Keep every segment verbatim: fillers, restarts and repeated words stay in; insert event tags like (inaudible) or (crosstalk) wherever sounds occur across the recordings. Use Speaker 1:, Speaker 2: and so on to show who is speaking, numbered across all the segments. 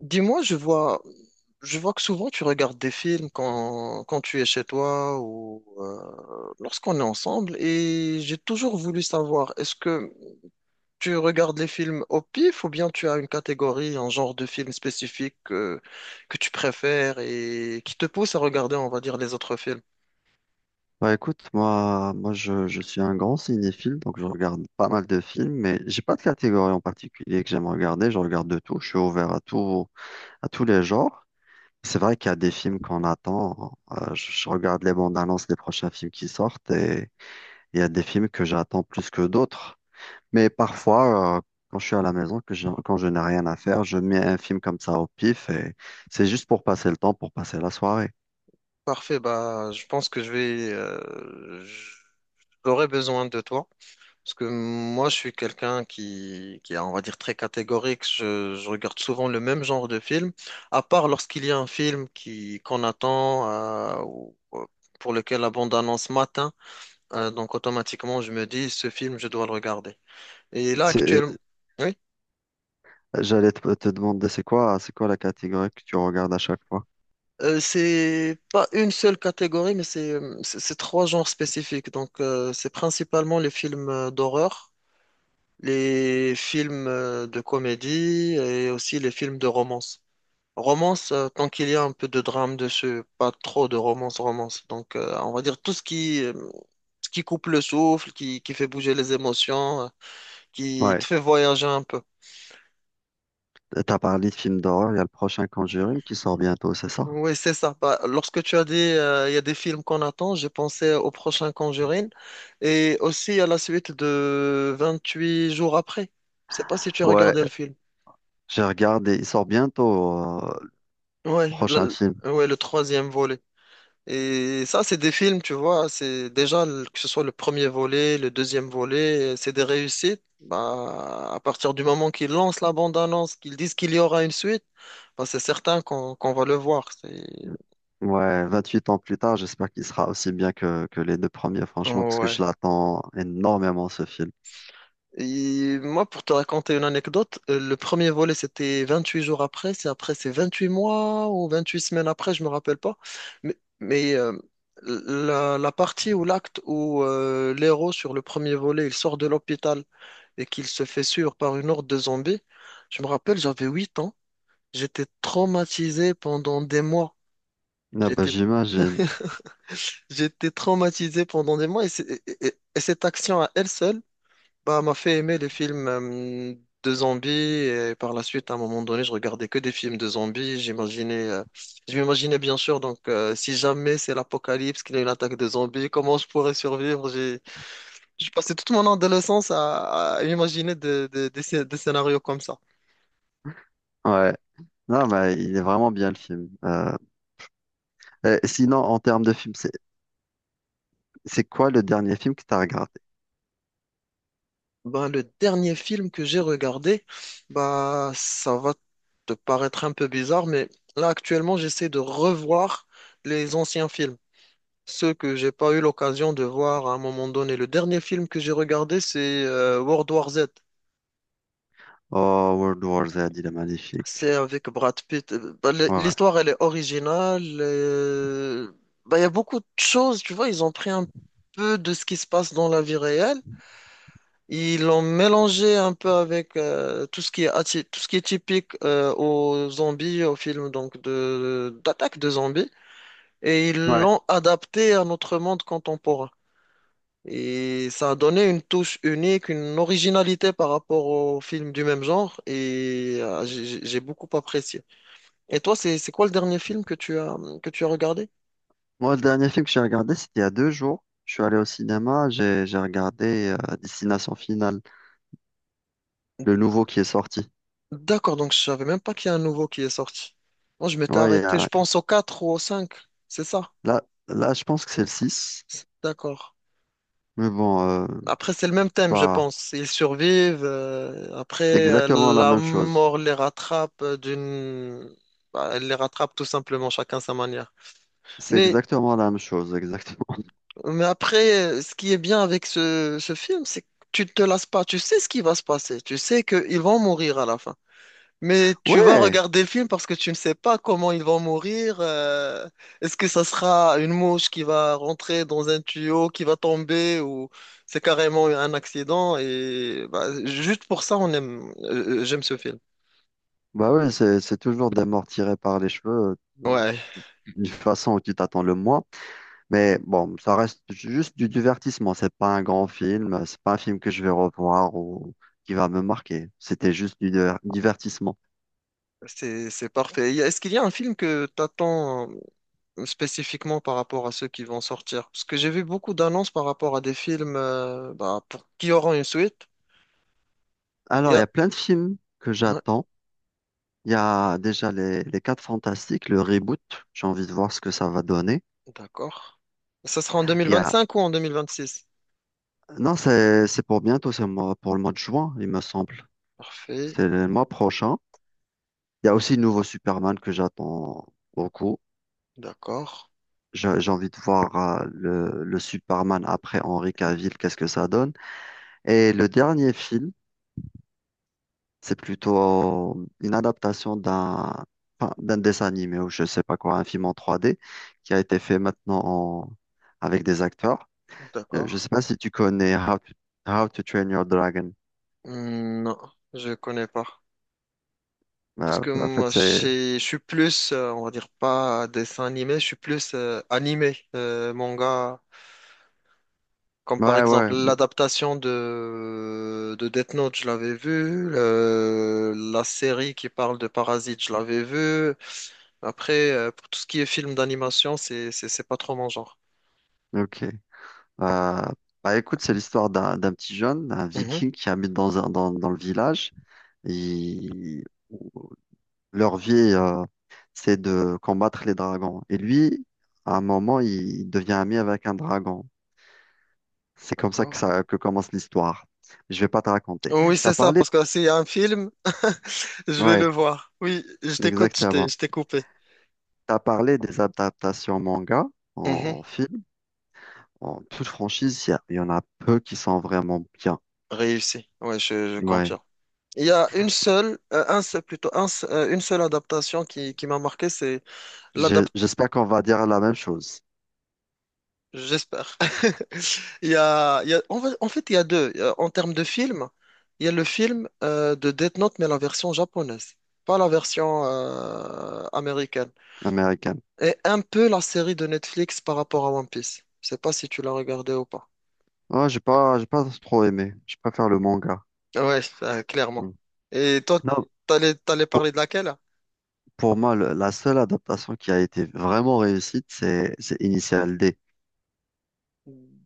Speaker 1: Dis-moi, je vois, je vois que souvent tu regardes des films quand, quand tu es chez toi ou euh, lorsqu'on est ensemble et j'ai toujours voulu savoir, est-ce que tu regardes les films au pif ou bien tu as une catégorie, un genre de film spécifique que, que tu préfères et qui te pousse à regarder, on va dire, les autres films?
Speaker 2: Bah écoute, moi, moi je, je suis un grand cinéphile, donc je regarde pas mal de films, mais j'ai pas de catégorie en particulier que j'aime regarder. Je regarde de tout, je suis ouvert à tout, à tous les genres. C'est vrai qu'il y a des films qu'on attend, euh, je, je regarde les bandes annonces des prochains films qui sortent et il y a des films que j'attends plus que d'autres. Mais parfois, euh, quand je suis à la maison, que j'ai- quand je n'ai rien à faire, je mets un film comme ça au pif et c'est juste pour passer le temps, pour passer la soirée.
Speaker 1: Parfait, bah, je pense que je vais, euh, j'aurai besoin de toi. Parce que moi, je suis quelqu'un qui, qui est, on va dire, très catégorique. Je, je regarde souvent le même genre de film, à part lorsqu'il y a un film qui, qu'on attend, euh, ou- ou pour lequel la bande-annonce matin. Donc, automatiquement, je me dis, ce film, je dois le regarder. Et là, actuellement, oui,
Speaker 2: J'allais te, te demander, c'est quoi, c'est quoi la catégorie que tu regardes à chaque fois?
Speaker 1: euh, c'est pas une seule catégorie, mais c'est, c'est c'est trois genres spécifiques. Donc, euh, c'est principalement les films euh, d'horreur, les films euh, de comédie et aussi les films de romance. Romance, euh, tant qu'il y a un peu de drame dessus, pas trop de romance, romance. Donc, euh, on va dire tout ce qui, euh, ce qui coupe le souffle, qui, qui fait bouger les émotions, euh, qui te
Speaker 2: Ouais,
Speaker 1: fait voyager un peu.
Speaker 2: t'as parlé de films d'horreur, il y a le prochain Conjuring qui sort bientôt, c'est ça?
Speaker 1: Oui, c'est ça. Bah, lorsque tu as dit euh, il y a des films qu'on attend, j'ai pensé au prochain Conjuring et aussi à la suite de vingt-huit jours après. Je sais pas si tu as
Speaker 2: Ouais,
Speaker 1: regardé le film.
Speaker 2: j'ai regardé, il sort bientôt, euh, le
Speaker 1: Ouais,
Speaker 2: prochain film.
Speaker 1: la- ouais, le troisième volet. Et ça, c'est des films, tu vois, c'est déjà le- que ce soit le premier volet, le deuxième volet, euh, c'est des réussites. Bah, à partir du moment qu'ils lancent la bande-annonce, qu'ils disent qu'il y aura une suite, bah, c'est certain qu'on qu'on va le voir. C'est-
Speaker 2: Ouais, Vingt-huit ans plus tard, j'espère qu'il sera aussi bien que, que les deux premiers, franchement, parce que
Speaker 1: Ouais.
Speaker 2: je l'attends énormément, ce film.
Speaker 1: Et moi, pour te raconter une anecdote, euh, le premier volet, c'était vingt-huit jours après, c'est après, c'est vingt-huit mois ou vingt-huit semaines après, je me rappelle pas. Mais, mais euh, la, la partie ou l'acte où euh, l'héros sur le premier volet, il sort de l'hôpital et qu'il se fait suivre par une horde de zombies. Je me rappelle, j'avais huit ans. J'étais traumatisé pendant des mois.
Speaker 2: Ah bah,
Speaker 1: J'étais,
Speaker 2: j'imagine.
Speaker 1: j'étais traumatisé pendant des mois. Et, c'est- et- et- et cette action à elle seule, bah, m'a fait aimer les films euh, de zombies. Et par la suite, à un moment donné, je regardais que des films de zombies. J'imaginais, euh, je m'imaginais bien sûr. Donc, euh, si jamais c'est l'apocalypse, qu'il y a une attaque de zombies, comment je pourrais survivre? J'ai, je passais toute mon adolescence à, à imaginer des des- des scé- des scénarios comme ça.
Speaker 2: Ouais. Non, mais il est vraiment bien le film. Euh, et sinon, en termes de film, c'est c'est quoi le dernier film que tu as regardé?
Speaker 1: Ben, le dernier film que j'ai regardé, bah, ça va te paraître un peu bizarre, mais là actuellement j'essaie de revoir les anciens films, ceux que j'ai pas eu l'occasion de voir à un moment donné. Le dernier film que j'ai regardé, c'est euh, World War Z.
Speaker 2: Oh, World War Z, il est magnifique.
Speaker 1: C'est avec Brad Pitt. Euh, bah, l-
Speaker 2: Ouais.
Speaker 1: l'histoire, elle est originale. euh, bah, Il y a beaucoup de choses, tu vois, ils ont pris un peu de ce qui se passe dans la vie réelle. Ils l'ont mélangé un peu avec euh, tout ce qui est, atti- tout ce qui est typique euh, aux zombies, aux films donc de d'attaque de zombies, et ils
Speaker 2: Ouais.
Speaker 1: l'ont adapté à notre monde contemporain. Et ça a donné une touche unique, une originalité par rapport aux films du même genre, et euh, j'ai j'ai- j'ai beaucoup apprécié. Et toi, c'est c'est quoi le dernier film que tu as que tu as regardé?
Speaker 2: Moi, le dernier film que j'ai regardé, c'était il y a deux jours. Je suis allé au cinéma, j'ai j'ai regardé euh, Destination Finale, le nouveau qui est sorti.
Speaker 1: D'accord, donc je savais même pas qu'il y a un nouveau qui est sorti. Moi, je m'étais
Speaker 2: Ouais, il y
Speaker 1: arrêté, je
Speaker 2: a-
Speaker 1: pense au quatre ou au cinq. C'est ça?
Speaker 2: Là, là, je pense que c'est le six.
Speaker 1: D'accord.
Speaker 2: Mais bon, euh,
Speaker 1: Après, c'est le même thème, je
Speaker 2: bah,
Speaker 1: pense. Ils survivent. euh,
Speaker 2: c'est
Speaker 1: après, euh,
Speaker 2: exactement la
Speaker 1: la
Speaker 2: même chose.
Speaker 1: mort les rattrape euh, d'une... Bah, elle les rattrape tout simplement, chacun sa manière.
Speaker 2: C'est
Speaker 1: Mais,
Speaker 2: exactement la même chose, exactement. (laughs)
Speaker 1: mais après, euh, ce qui est bien avec ce, ce film, c'est que tu te lasses pas. Tu sais ce qui va se passer. Tu sais qu'ils vont mourir à la fin. Mais tu vas
Speaker 2: Ouais,
Speaker 1: regarder le film parce que tu ne sais pas comment ils vont mourir. euh, Est-ce que ça sera une mouche qui va rentrer dans un tuyau, qui va tomber, ou c'est carrément un accident? Et bah, juste pour ça, on aime, euh, j'aime ce film.
Speaker 2: bah ouais, c'est c'est toujours des morts tirés par les cheveux euh,
Speaker 1: Ouais,
Speaker 2: d'une façon où tu t'attends le moins. Mais bon, ça reste juste du divertissement. C'est pas un grand film, c'est pas un film que je vais revoir ou qui va me marquer. C'était juste du diver- divertissement.
Speaker 1: c'est c'est parfait. y a- Est-ce qu'il y a un film que t'attends euh, spécifiquement par rapport à ceux qui vont sortir? Parce que j'ai vu beaucoup d'annonces par rapport à des films euh, bah, pour qui auront une suite. Il y
Speaker 2: Alors, il y
Speaker 1: a...
Speaker 2: a plein de films que
Speaker 1: Ouais,
Speaker 2: j'attends. Il y a déjà les, les Quatre Fantastiques, le reboot. J'ai envie de voir ce que ça va donner.
Speaker 1: d'accord. Ça sera en deux mille
Speaker 2: Il y a,
Speaker 1: vingt-cinq ou en deux mille vingt-six?
Speaker 2: non, c'est, c'est pour bientôt, c'est moi- pour le mois de juin, il me semble.
Speaker 1: Parfait.
Speaker 2: C'est le mois prochain. Il y a aussi le nouveau Superman que j'attends beaucoup.
Speaker 1: D'accord.
Speaker 2: J'ai j'ai envie de voir euh, le, le Superman après Henry Cavill, qu'est-ce que ça donne. Et le dernier film, c'est plutôt une adaptation d'un enfin, d'un dessin animé ou je sais pas quoi, un film en trois D qui a été fait maintenant en- avec des acteurs. Euh,
Speaker 1: D'accord.
Speaker 2: je sais pas si tu connais How to, How to Train Your Dragon.
Speaker 1: Hmm, non, je connais pas. Parce
Speaker 2: Euh,
Speaker 1: que
Speaker 2: en fait,
Speaker 1: moi, je
Speaker 2: c'est...
Speaker 1: suis je suis plus, euh, on va dire pas dessin animé, je suis plus euh, animé, euh, manga. Comme par
Speaker 2: Ouais, ouais,
Speaker 1: exemple l'adaptation de, de Death Note, je l'avais vu. le- la série qui parle de Parasite, je l'avais vu. Après, euh, pour tout ce qui est film d'animation, c'est, c'est, c'est pas trop mon genre.
Speaker 2: ok. Euh, bah écoute, c'est l'histoire d'un d'un petit jeune, un
Speaker 1: Mhm.
Speaker 2: viking qui habite dans, un, dans, dans le village. Il... Leur vie, euh, c'est de combattre les dragons. Et lui, à un moment, il devient ami avec un dragon. C'est comme ça que,
Speaker 1: D'accord.
Speaker 2: ça que commence l'histoire. Je vais pas te raconter.
Speaker 1: Oui, c'est
Speaker 2: T'as
Speaker 1: ça,
Speaker 2: parlé,
Speaker 1: parce que s'il y a un film, (laughs) je vais
Speaker 2: ouais,
Speaker 1: le voir. Oui, je t'écoute, je t'ai,
Speaker 2: exactement.
Speaker 1: je t'ai coupé.
Speaker 2: T'as parlé des adaptations manga
Speaker 1: Mhm.
Speaker 2: en, film. En toute franchise, il y, a- il y en a peu qui sont vraiment bien.
Speaker 1: Réussi, ouais, je, je
Speaker 2: Ouais.
Speaker 1: confirme. Il y a une seule, euh, un seul, plutôt, un, se- euh, une seule adaptation qui, qui m'a marqué, c'est
Speaker 2: Je-
Speaker 1: l'adaptation,
Speaker 2: J'espère qu'on va dire la même chose,
Speaker 1: j'espère. (laughs) Il y a, il y a- en fait, en fait, il y a deux. Il y a- En termes de film, il y a le film euh, de Death Note, mais la version japonaise, pas la version euh, américaine.
Speaker 2: américaine.
Speaker 1: Et un peu la série de Netflix par rapport à One Piece. Je sais pas si tu l'as regardé ou pas.
Speaker 2: Oh, j'ai pas, j'ai pas trop aimé. Je préfère le manga.
Speaker 1: Ouais, euh, clairement.
Speaker 2: Hmm.
Speaker 1: Et toi,
Speaker 2: Non.
Speaker 1: t'allais, t'allais parler de laquelle?
Speaker 2: Pour moi, le- la seule adaptation qui a été vraiment réussite, c'est c'est Initial D.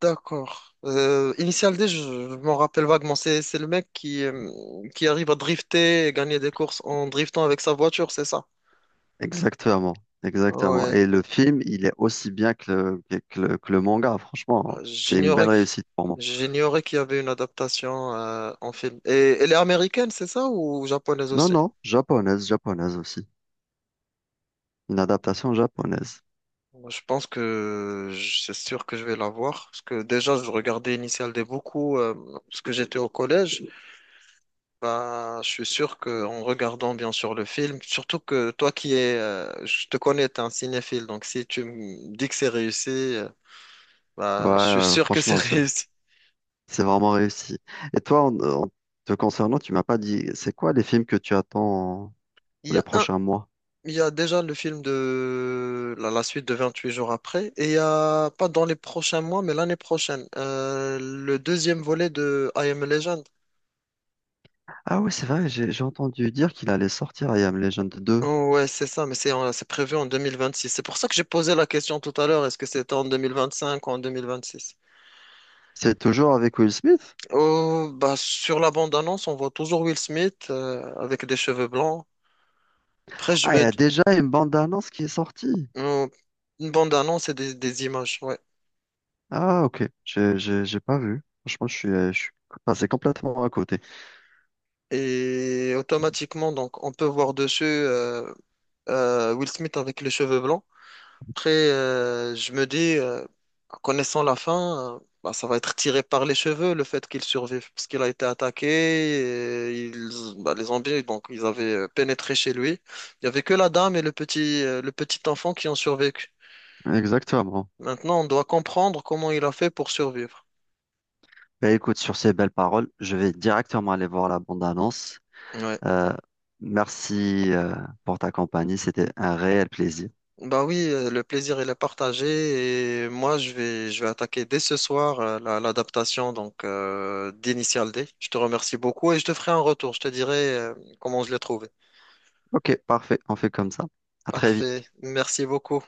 Speaker 1: D'accord. Euh, Initial D, je, je m'en rappelle vaguement. C'est, c'est le mec qui, euh, qui arrive à drifter et gagner des courses en driftant avec sa voiture, c'est ça?
Speaker 2: Exactement, exactement.
Speaker 1: Ouais.
Speaker 2: Et le film, il est aussi bien que le, que que le, que le manga, franchement. C'est une
Speaker 1: J'ignorais,
Speaker 2: belle
Speaker 1: que-
Speaker 2: réussite pour moi.
Speaker 1: J'ignorais qu'il y avait une adaptation euh, en film. Et elle est américaine, c'est ça, ou japonaise
Speaker 2: Non,
Speaker 1: aussi?
Speaker 2: non, japonaise, japonaise aussi. Une adaptation japonaise.
Speaker 1: Moi, je pense que je- c'est sûr que je vais la voir. Parce que déjà, je regardais Initial D beaucoup euh, parce que j'étais au collège. Bah, je suis sûr que en regardant bien sûr le film, surtout que toi qui es, euh, je te connais, t'es un cinéphile, donc si tu me dis que c'est réussi, euh,
Speaker 2: Ouais,
Speaker 1: bah, je suis
Speaker 2: ouais,
Speaker 1: sûr que c'est (laughs)
Speaker 2: franchement, c'est
Speaker 1: réussi.
Speaker 2: c'est vraiment réussi. Et toi, en, en te concernant, tu m'as pas dit, c'est quoi les films que tu attends
Speaker 1: Il
Speaker 2: pour
Speaker 1: y
Speaker 2: les
Speaker 1: a un,
Speaker 2: prochains mois?
Speaker 1: il y a déjà le film de la, la suite de vingt-huit jours après, et il y a pas dans les prochains mois, mais l'année prochaine, euh, le deuxième volet de I Am a Legend.
Speaker 2: Ah oui, c'est vrai, j'ai j'ai entendu dire qu'il allait sortir I Am Legend two.
Speaker 1: Oh, ouais, c'est ça, mais c'est en- c'est prévu en deux mille vingt-six. C'est pour ça que j'ai posé la question tout à l'heure, est-ce que c'était en deux mille vingt-cinq ou en deux mille vingt-six?
Speaker 2: C'est toujours avec Will Smith?
Speaker 1: Oh, bah, sur la bande-annonce, on voit toujours Will Smith euh, avec des cheveux blancs. Après, je
Speaker 2: Ah, il y
Speaker 1: me...
Speaker 2: a déjà une bande-annonce qui est sortie.
Speaker 1: oh, une bande-annonce et des, des images, ouais.
Speaker 2: Ah, ok. J'ai, j'ai, j'ai pas vu. Franchement, je suis, euh, je suis passé complètement à côté.
Speaker 1: Et automatiquement, donc, on peut voir dessus euh, euh, Will Smith avec les cheveux blancs. Après, euh, je me dis, euh, en connaissant la fin, euh, bah, ça va être tiré par les cheveux, le fait qu'il survive, parce qu'il a été attaqué, et ils- bah, les zombies, donc, ils avaient euh, pénétré chez lui. Il n'y avait que la dame et le petit, euh, le petit enfant qui ont survécu.
Speaker 2: Exactement.
Speaker 1: Maintenant, on doit comprendre comment il a fait pour survivre.
Speaker 2: Bah, écoute, sur ces belles paroles, je vais directement aller voir la bande-annonce.
Speaker 1: Ouais.
Speaker 2: Euh, Merci, euh, pour ta compagnie. C'était un réel plaisir.
Speaker 1: Bah oui, euh, le plaisir il est partagé et moi je vais je vais attaquer dès ce soir euh, la- l'adaptation donc euh, d'Initial D. Je te remercie beaucoup et je te ferai un retour. Je te dirai euh, comment je l'ai trouvé.
Speaker 2: Ok, parfait. On fait comme ça. À très
Speaker 1: Parfait.
Speaker 2: vite.
Speaker 1: Merci beaucoup.